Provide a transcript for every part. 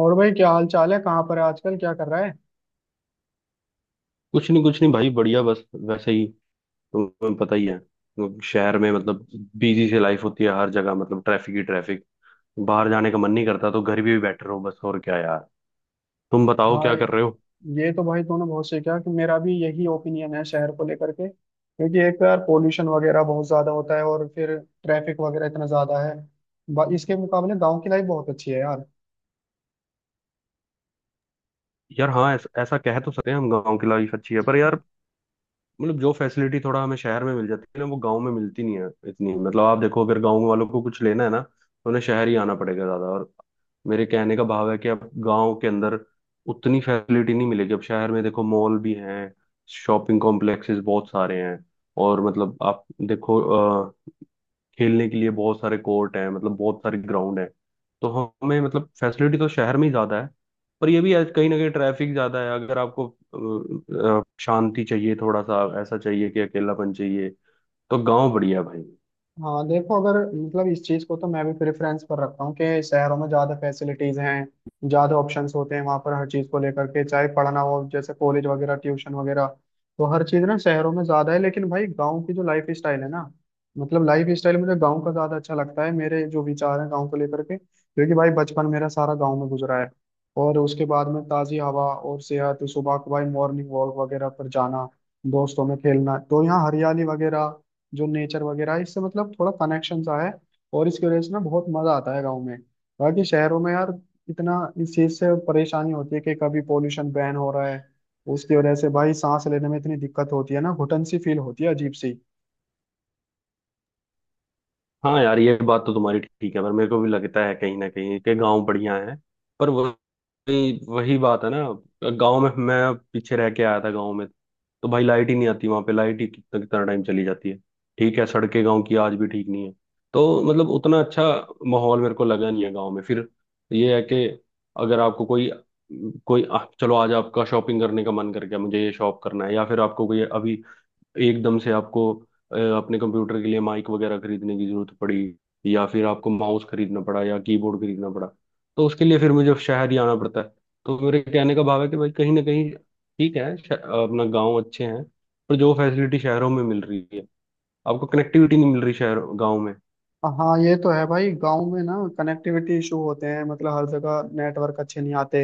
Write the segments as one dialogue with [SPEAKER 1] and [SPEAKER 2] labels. [SPEAKER 1] और भाई क्या हाल चाल है। कहाँ पर है आजकल, क्या कर रहा है।
[SPEAKER 2] कुछ नहीं, कुछ नहीं भाई। बढ़िया। बस वैसे ही। तुम्हें पता ही है, मतलब शहर में, मतलब बिजी से लाइफ होती है हर जगह। मतलब ट्रैफिक ही ट्रैफिक। बाहर जाने का मन नहीं करता तो घर भी बैठे रहो। बस और क्या यार। तुम बताओ
[SPEAKER 1] हाँ,
[SPEAKER 2] क्या कर रहे हो।
[SPEAKER 1] ये तो भाई तूने बहुत सीखा कि मेरा भी यही ओपिनियन है शहर को लेकर के, क्योंकि एक तो यार पोल्यूशन वगैरह बहुत ज्यादा होता है और फिर ट्रैफिक वगैरह इतना ज्यादा है। इसके मुकाबले गांव की लाइफ बहुत अच्छी है यार।
[SPEAKER 2] यार हाँ, ऐसा कह तो सकते हैं हम। गाँव की लाइफ अच्छी है, पर यार मतलब जो फैसिलिटी थोड़ा हमें शहर में मिल जाती है ना, वो गांव में मिलती नहीं है इतनी। मतलब आप देखो, अगर गांव वालों को कुछ लेना है ना, तो उन्हें शहर ही आना पड़ेगा ज्यादा। और मेरे कहने का भाव है कि अब गांव के अंदर उतनी फैसिलिटी नहीं मिलेगी। अब शहर में देखो, मॉल भी हैं, शॉपिंग कॉम्प्लेक्सेस बहुत सारे हैं। और मतलब आप देखो, खेलने के लिए बहुत सारे कोर्ट हैं, मतलब बहुत सारे ग्राउंड हैं। तो हमें मतलब फैसिलिटी तो शहर में ही ज्यादा है। पर ये भी है, कहीं ना कहीं ट्रैफिक ज्यादा है। अगर आपको शांति चाहिए, थोड़ा सा ऐसा चाहिए कि अकेलापन चाहिए, तो गांव बढ़िया है भाई।
[SPEAKER 1] हाँ देखो, अगर मतलब इस चीज को तो मैं भी प्रेफरेंस पर रखता हूँ कि शहरों में ज्यादा फैसिलिटीज हैं, ज्यादा ऑप्शंस होते हैं वहां पर हर चीज को लेकर के, चाहे पढ़ना हो जैसे कॉलेज वगैरह, ट्यूशन वगैरह। तो हर चीज ना शहरों में ज्यादा है, लेकिन भाई गाँव की जो लाइफ स्टाइल है ना, मतलब लाइफ स्टाइल मुझे गाँव का ज्यादा अच्छा लगता है। मेरे जो विचार है गाँव को लेकर के, क्योंकि भाई बचपन मेरा सारा गाँव में गुजरा है। और उसके बाद में ताजी हवा और सेहत, सुबह को भाई मॉर्निंग वॉक वगैरह पर जाना, दोस्तों में खेलना, तो यहाँ हरियाली वगैरह, जो नेचर वगैरह है, इससे मतलब थोड़ा कनेक्शन सा है। और इसकी वजह से ना बहुत मजा आता है गाँव में। बाकी शहरों में यार इतना इस चीज से परेशानी होती है कि कभी पोल्यूशन बैन हो रहा है, उसकी वजह से भाई सांस लेने में इतनी दिक्कत होती है ना, घुटन सी फील होती है अजीब सी।
[SPEAKER 2] हाँ यार, ये बात तो तुम्हारी ठीक है। पर मेरे को भी लगता है कहीं ना कहीं कि गांव बढ़िया है, पर वही वही बात है ना। गांव में मैं पीछे रह के आया था। गांव में तो भाई लाइट ही नहीं आती वहां पे। लाइट ही कितना कितना टाइम चली जाती है। ठीक है। सड़कें गांव की आज भी ठीक नहीं है। तो मतलब उतना अच्छा माहौल मेरे को लगा नहीं है गांव में। फिर ये है कि अगर आपको कोई कोई चलो आज आपका शॉपिंग करने का मन कर गया, मुझे ये शॉप करना है, या फिर आपको कोई अभी एकदम से आपको अपने कंप्यूटर के लिए माइक वगैरह खरीदने की जरूरत पड़ी, या फिर आपको माउस खरीदना पड़ा या कीबोर्ड खरीदना पड़ा, तो उसके लिए फिर मुझे शहर ही आना पड़ता है। तो मेरे कहने का भाव है कि भाई, कहीं ना कहीं ठीक है, अपना गांव अच्छे हैं, पर जो फैसिलिटी शहरों में मिल रही है, आपको कनेक्टिविटी नहीं मिल रही शहर, गाँव में।
[SPEAKER 1] हाँ ये तो है भाई, गांव में ना कनेक्टिविटी इशू होते हैं, मतलब हर जगह नेटवर्क अच्छे नहीं आते,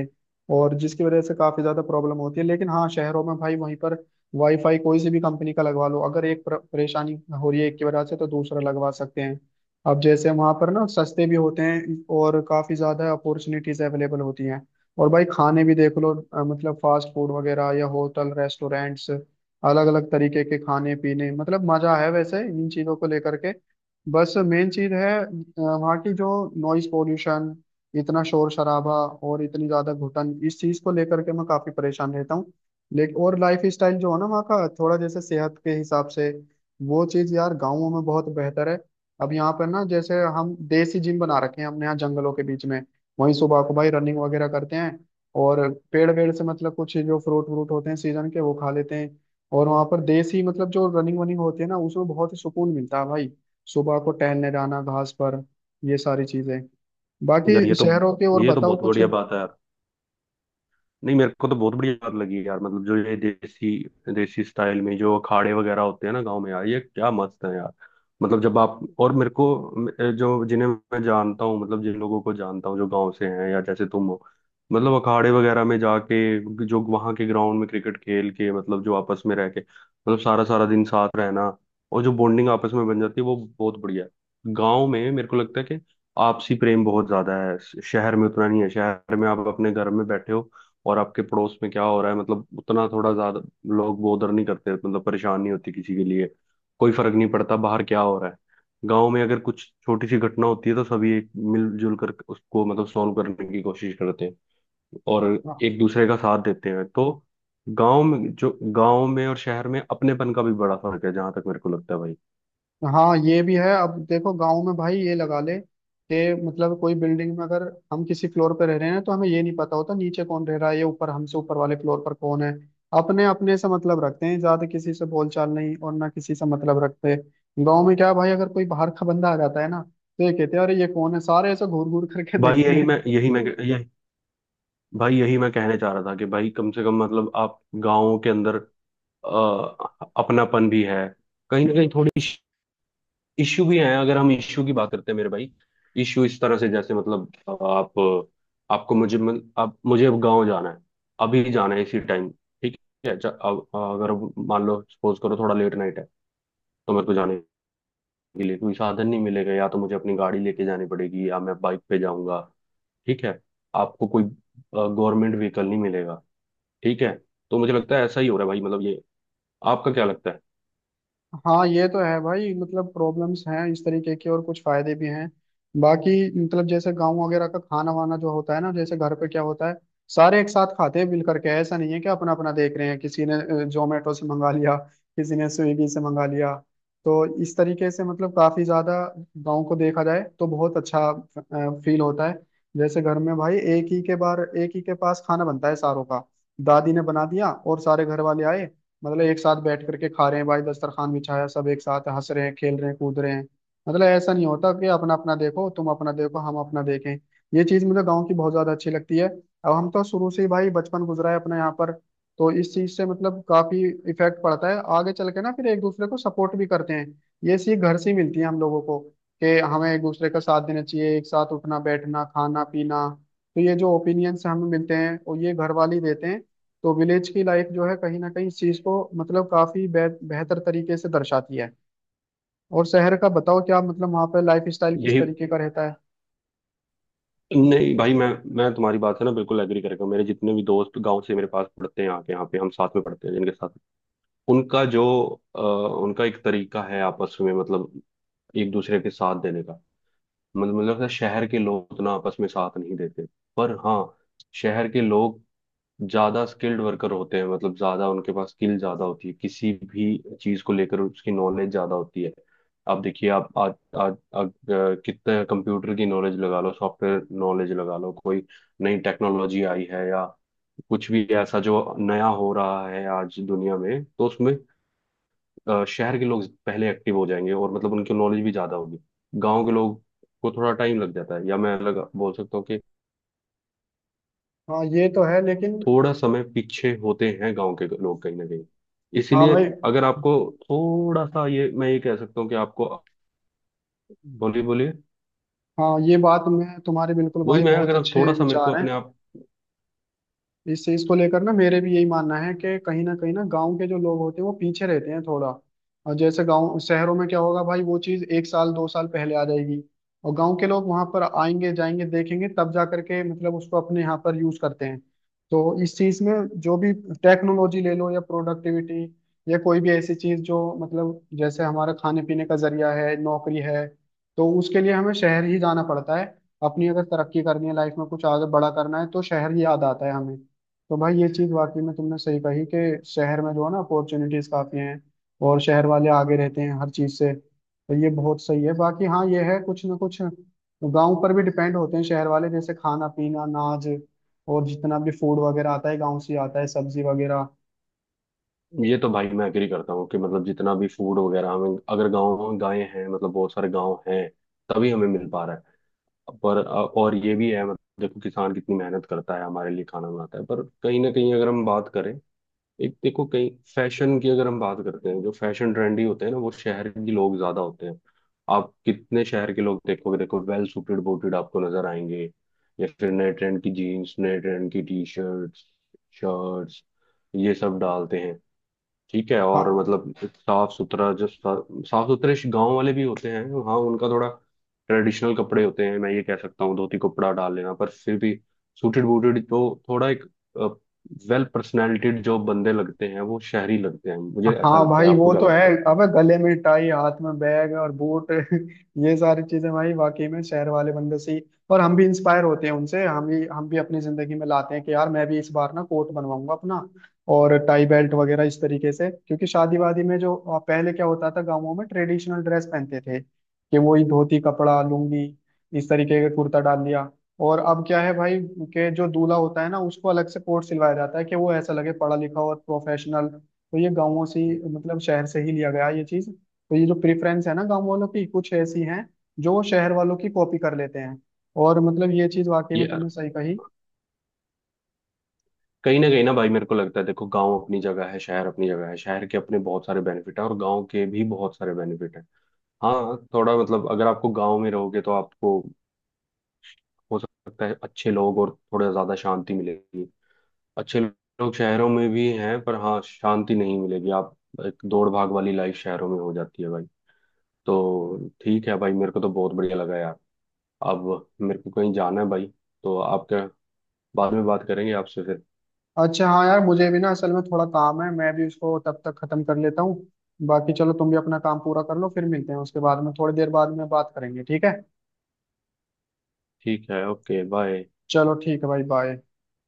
[SPEAKER 1] और जिसकी वजह से काफी ज्यादा प्रॉब्लम होती है। लेकिन हाँ शहरों में भाई वहीं पर वाईफाई कोई सी भी कंपनी का लगवा लो। अगर एक परेशानी हो रही है एक की वजह से, तो दूसरा लगवा सकते हैं। अब जैसे वहां पर ना सस्ते भी होते हैं और काफी ज्यादा अपॉर्चुनिटीज अवेलेबल होती हैं। और भाई खाने भी देख लो, मतलब फास्ट फूड वगैरह या होटल रेस्टोरेंट्स, अलग अलग तरीके के खाने पीने, मतलब मजा है वैसे इन चीजों को लेकर के। बस मेन चीज है वहाँ की जो नॉइज पोल्यूशन, इतना शोर शराबा और इतनी ज्यादा घुटन, इस चीज को लेकर के मैं काफी परेशान रहता हूँ। लेकिन और लाइफ स्टाइल जो है ना वहाँ का, थोड़ा जैसे सेहत के हिसाब से वो चीज यार गाँवों में बहुत बेहतर है। अब यहाँ पर ना जैसे हम देसी जिम बना रखे हैं, हमने यहाँ जंगलों के बीच में। वहीं सुबह को भाई रनिंग वगैरह करते हैं, और पेड़ वेड़ से मतलब कुछ जो फ्रूट व्रूट होते हैं सीजन के, वो खा लेते हैं। और वहाँ पर देसी मतलब जो रनिंग वनिंग होती है ना, उसमें बहुत ही सुकून मिलता है भाई। सुबह को टहलने जाना घास पर, ये सारी चीजें।
[SPEAKER 2] यार ये
[SPEAKER 1] बाकी
[SPEAKER 2] तो,
[SPEAKER 1] शहरों के और
[SPEAKER 2] ये तो
[SPEAKER 1] बताओ
[SPEAKER 2] बहुत
[SPEAKER 1] कुछ।
[SPEAKER 2] बढ़िया बात है यार। नहीं, मेरे को तो बहुत बढ़िया बात लगी यार। मतलब जो ये देसी, देसी स्टाइल में जो अखाड़े वगैरह होते हैं ना गांव में, यार ये क्या मस्त है यार। मतलब जब आप और मेरे को जो जिन्हें मैं जानता हूँ, मतलब जिन लोगों को जानता हूँ, जो गांव से हैं या जैसे तुम हो, मतलब अखाड़े वगैरह में जाके जो वहां के ग्राउंड में क्रिकेट खेल के, मतलब जो आपस में रह के, मतलब सारा सारा दिन साथ रहना, और जो बॉन्डिंग आपस में बन जाती है, वो बहुत बढ़िया है गाँव में। मेरे को लगता है कि आपसी प्रेम बहुत ज्यादा है। शहर में उतना नहीं है। शहर में आप अपने घर में बैठे हो, और आपके पड़ोस में क्या हो रहा है मतलब उतना थोड़ा ज्यादा लोग बोदर नहीं करते। मतलब परेशान नहीं होती किसी के लिए। कोई फर्क नहीं पड़ता बाहर क्या हो रहा है। गांव में अगर कुछ छोटी सी घटना होती है तो सभी एक मिलजुल कर उसको मतलब सॉल्व करने की कोशिश करते हैं और एक दूसरे का साथ देते हैं। तो गांव में जो, गांव में और शहर में अपनेपन का भी बड़ा फर्क है, जहां तक मेरे को लगता है भाई।
[SPEAKER 1] हाँ ये भी है। अब देखो गांव में भाई ये लगा ले कि मतलब कोई बिल्डिंग में अगर हम किसी फ्लोर पे रह रहे हैं, तो हमें ये नहीं पता होता नीचे कौन रह रहा है, ये ऊपर, हमसे ऊपर वाले फ्लोर पर कौन है। अपने अपने से मतलब रखते हैं, ज्यादा किसी से बोलचाल नहीं, और ना किसी से मतलब रखते। गांव में क्या है भाई, अगर कोई बाहर का बंदा आ जाता है ना, तो ये कहते हैं अरे ये कौन है, सारे ऐसे घूर घूर करके
[SPEAKER 2] भाई
[SPEAKER 1] देखते
[SPEAKER 2] यही
[SPEAKER 1] हैं।
[SPEAKER 2] मैं यही मैं यही भाई, यही मैं कहने चाह रहा था कि भाई, कम से कम मतलब आप गाँव के अंदर अ, अपनापन भी है, कहीं ना कहीं थोड़ी इश्यू भी है। अगर हम इश्यू की बात करते हैं मेरे भाई, इश्यू इस तरह से जैसे मतलब आप आपको मुझे, अब मुझे अब गाँव जाना है, अभी जाना है इसी टाइम। ठीक है, अब अगर मान लो, सपोज करो, थोड़ा लेट नाइट है, तो मेरे को जाने के लिए कोई साधन नहीं मिलेगा। या तो मुझे अपनी गाड़ी लेके जानी पड़ेगी या मैं बाइक पे जाऊंगा। ठीक है, आपको कोई गवर्नमेंट व्हीकल नहीं मिलेगा। ठीक है। तो मुझे लगता है ऐसा ही हो रहा है भाई, मतलब ये। आपका क्या लगता है।
[SPEAKER 1] हाँ ये तो है भाई, मतलब प्रॉब्लम्स हैं इस तरीके के, और कुछ फायदे भी हैं। बाकी मतलब जैसे गांव वगैरह का खाना वाना जो होता है ना, जैसे घर पे क्या होता है, सारे एक साथ खाते हैं मिल करके। ऐसा नहीं है कि अपना अपना देख रहे हैं, किसी ने जोमेटो से मंगा लिया, किसी ने स्विगी से मंगा लिया। तो इस तरीके से मतलब काफी ज्यादा गाँव को देखा जाए तो बहुत अच्छा फील होता है। जैसे घर में भाई एक ही के बार एक ही के पास खाना बनता है सारों का। दादी ने बना दिया और सारे घर वाले आए, मतलब एक साथ बैठ करके खा रहे हैं भाई, दस्तरखान बिछाया, सब एक साथ हंस रहे हैं, खेल रहे हैं, कूद रहे हैं। मतलब ऐसा नहीं होता कि अपना अपना देखो, तुम अपना देखो, हम अपना देखें। ये चीज मुझे गाँव की बहुत ज्यादा अच्छी लगती है। अब हम तो शुरू से ही भाई बचपन गुजरा है अपना यहाँ पर, तो इस चीज से मतलब काफी इफेक्ट पड़ता है आगे चल के ना। फिर एक दूसरे को सपोर्ट भी करते हैं, ये सीख घर से ही मिलती है हम लोगों को कि हमें एक दूसरे का साथ देना चाहिए, एक साथ उठना बैठना खाना पीना। तो ये जो ओपिनियंस हमें मिलते हैं, और ये घर वाले ही देते हैं। तो विलेज की लाइफ जो है, कहीं ना कहीं इस चीज को मतलब काफी बेहतर तरीके से दर्शाती है। और शहर का बताओ, क्या मतलब वहाँ पे लाइफ स्टाइल किस
[SPEAKER 2] यही
[SPEAKER 1] तरीके का रहता है।
[SPEAKER 2] नहीं भाई, मैं तुम्हारी बात से ना बिल्कुल एग्री करेगा। मेरे जितने भी दोस्त गांव से मेरे पास पढ़ते हैं आके यहाँ पे, हम साथ में पढ़ते हैं जिनके साथ, उनका जो उनका एक तरीका है आपस में, मतलब एक दूसरे के साथ देने का। मतलब मुझे लगता है शहर के लोग उतना आपस में साथ नहीं देते। पर हाँ, शहर के लोग ज्यादा स्किल्ड वर्कर होते हैं, मतलब ज्यादा उनके पास स्किल ज्यादा होती है किसी भी चीज को लेकर, उसकी नॉलेज ज्यादा होती है। आप देखिए, आप आज आज आज कितने कंप्यूटर की नॉलेज लगा लो, सॉफ्टवेयर नॉलेज लगा लो, कोई नई टेक्नोलॉजी आई है, या कुछ भी ऐसा जो नया हो रहा है आज दुनिया में, तो उसमें शहर के लोग पहले एक्टिव हो जाएंगे, और मतलब उनकी नॉलेज भी ज्यादा होगी। गांव के लोग को थोड़ा टाइम लग जाता है, या मैं अलग बोल सकता हूँ कि
[SPEAKER 1] हाँ ये तो है लेकिन।
[SPEAKER 2] थोड़ा समय पीछे होते हैं गांव के लोग कहीं ना कहीं,
[SPEAKER 1] हाँ
[SPEAKER 2] इसीलिए
[SPEAKER 1] भाई।
[SPEAKER 2] अगर आपको थोड़ा सा ये, मैं ये कह सकता हूँ कि आपको। बोलिए बोलिए।
[SPEAKER 1] हाँ, ये बात में तुम्हारे बिल्कुल
[SPEAKER 2] वही
[SPEAKER 1] भाई
[SPEAKER 2] मैं
[SPEAKER 1] बहुत
[SPEAKER 2] अगर
[SPEAKER 1] अच्छे
[SPEAKER 2] थोड़ा सा मेरे को
[SPEAKER 1] विचार हैं।
[SPEAKER 2] अपने आप।
[SPEAKER 1] इस चीज को लेकर ना मेरे भी यही मानना है कि कहीं ना गांव के जो लोग होते हैं वो पीछे रहते हैं थोड़ा। और जैसे गांव, शहरों में क्या होगा भाई वो चीज एक साल दो साल पहले आ जाएगी, और गांव के लोग वहां पर आएंगे जाएंगे देखेंगे, तब जा करके मतलब उसको अपने यहाँ पर यूज करते हैं। तो इस चीज में जो भी टेक्नोलॉजी ले लो या प्रोडक्टिविटी, या कोई भी ऐसी चीज जो मतलब जैसे हमारा खाने पीने का जरिया है, नौकरी है, तो उसके लिए हमें शहर ही जाना पड़ता है। अपनी अगर तरक्की करनी है, लाइफ में कुछ आगे बड़ा करना है, तो शहर ही याद आता है हमें। तो भाई ये चीज वाकई में तुमने सही कही कि शहर में जो है ना अपॉर्चुनिटीज काफी हैं, और शहर वाले आगे रहते हैं हर चीज से, तो ये बहुत सही है। बाकी हाँ ये है, कुछ ना कुछ गांव पर भी डिपेंड होते हैं शहर वाले, जैसे खाना पीना अनाज और जितना भी फूड वगैरह आता है, गांव से ही आता है, सब्जी वगैरह।
[SPEAKER 2] ये तो भाई मैं एग्री करता हूँ कि मतलब जितना भी फूड वगैरह हमें, अगर गाँव गायें हैं, मतलब बहुत सारे गाँव हैं, तभी हमें मिल पा रहा है। पर और ये भी है, मतलब देखो, किसान कितनी मेहनत करता है हमारे लिए, खाना बनाता है, पर कहीं ना कहीं अगर हम बात करें, एक देखो कहीं फैशन की अगर हम बात करते हैं, जो फैशन ट्रेंडी होते हैं ना, वो शहर के लोग ज्यादा होते हैं। आप कितने शहर के लोग देखोगे, देखो वेल सूटेड बूटेड आपको नजर आएंगे, या फिर नए ट्रेंड की जीन्स, नए ट्रेंड की टी शर्ट्स, शर्ट्स, ये सब डालते हैं। ठीक है,
[SPEAKER 1] हाँ।
[SPEAKER 2] और मतलब साफ सुथरा, जब साफ सुथरे गांव वाले भी होते हैं। हाँ, उनका थोड़ा ट्रेडिशनल कपड़े होते हैं, मैं ये कह सकता हूँ, धोती कपड़ा डाल लेना, पर फिर भी सूटेड बूटेड तो थोड़ा एक वेल पर्सनैलिटीड जो बंदे लगते हैं, वो शहरी लगते हैं। मुझे ऐसा
[SPEAKER 1] हाँ
[SPEAKER 2] लगता है,
[SPEAKER 1] भाई
[SPEAKER 2] आपको
[SPEAKER 1] वो
[SPEAKER 2] क्या
[SPEAKER 1] तो है।
[SPEAKER 2] लगता है।
[SPEAKER 1] अबे गले में टाई, हाथ में बैग और बूट, ये सारी चीजें भाई वाकई में शहर वाले बंदे से ही। और हम भी इंस्पायर होते हैं उनसे, हम भी अपनी जिंदगी में लाते हैं कि यार मैं भी इस बार ना कोट बनवाऊंगा अपना, और टाई बेल्ट वगैरह इस तरीके से। क्योंकि शादी वादी में जो पहले क्या होता था, गाँवों में ट्रेडिशनल ड्रेस पहनते थे कि वही धोती कपड़ा लुंगी, इस तरीके का कुर्ता डाल लिया। और अब क्या है भाई कि जो दूल्हा होता है ना उसको अलग से कोट सिलवाया जाता है कि वो ऐसा लगे पढ़ा लिखा और प्रोफेशनल। तो ये गाँवों से ही, मतलब शहर से ही लिया गया है ये चीज। तो ये जो प्रेफरेंस है ना गाँव वालों की, कुछ ऐसी हैं जो वो शहर वालों की कॉपी कर लेते हैं। और मतलब ये चीज वाकई
[SPEAKER 2] ये
[SPEAKER 1] में तुमने सही कही।
[SPEAKER 2] कहीं ना भाई, मेरे को लगता है देखो, गांव अपनी जगह है, शहर अपनी जगह है। शहर के अपने बहुत सारे बेनिफिट हैं और गांव के भी बहुत सारे बेनिफिट हैं। हाँ, थोड़ा मतलब अगर आपको गांव में रहोगे, तो आपको हो सकता है अच्छे लोग और थोड़ा ज्यादा शांति मिलेगी। अच्छे लोग शहरों में भी हैं, पर हाँ, शांति नहीं मिलेगी आप। एक दौड़ भाग वाली लाइफ शहरों में हो जाती है भाई। तो ठीक है भाई, मेरे को तो बहुत बढ़िया लगा यार। अब मेरे को कहीं जाना है भाई, तो आप क्या, बाद में बात करेंगे आपसे फिर।
[SPEAKER 1] अच्छा हाँ यार, मुझे भी ना असल में थोड़ा काम है, मैं भी उसको तब तक खत्म कर लेता हूँ। बाकी चलो, तुम भी अपना काम पूरा कर लो, फिर मिलते हैं उसके बाद में, थोड़ी देर बाद में बात करेंगे, ठीक है।
[SPEAKER 2] ठीक है, ओके बाय।
[SPEAKER 1] चलो ठीक है भाई, बाय।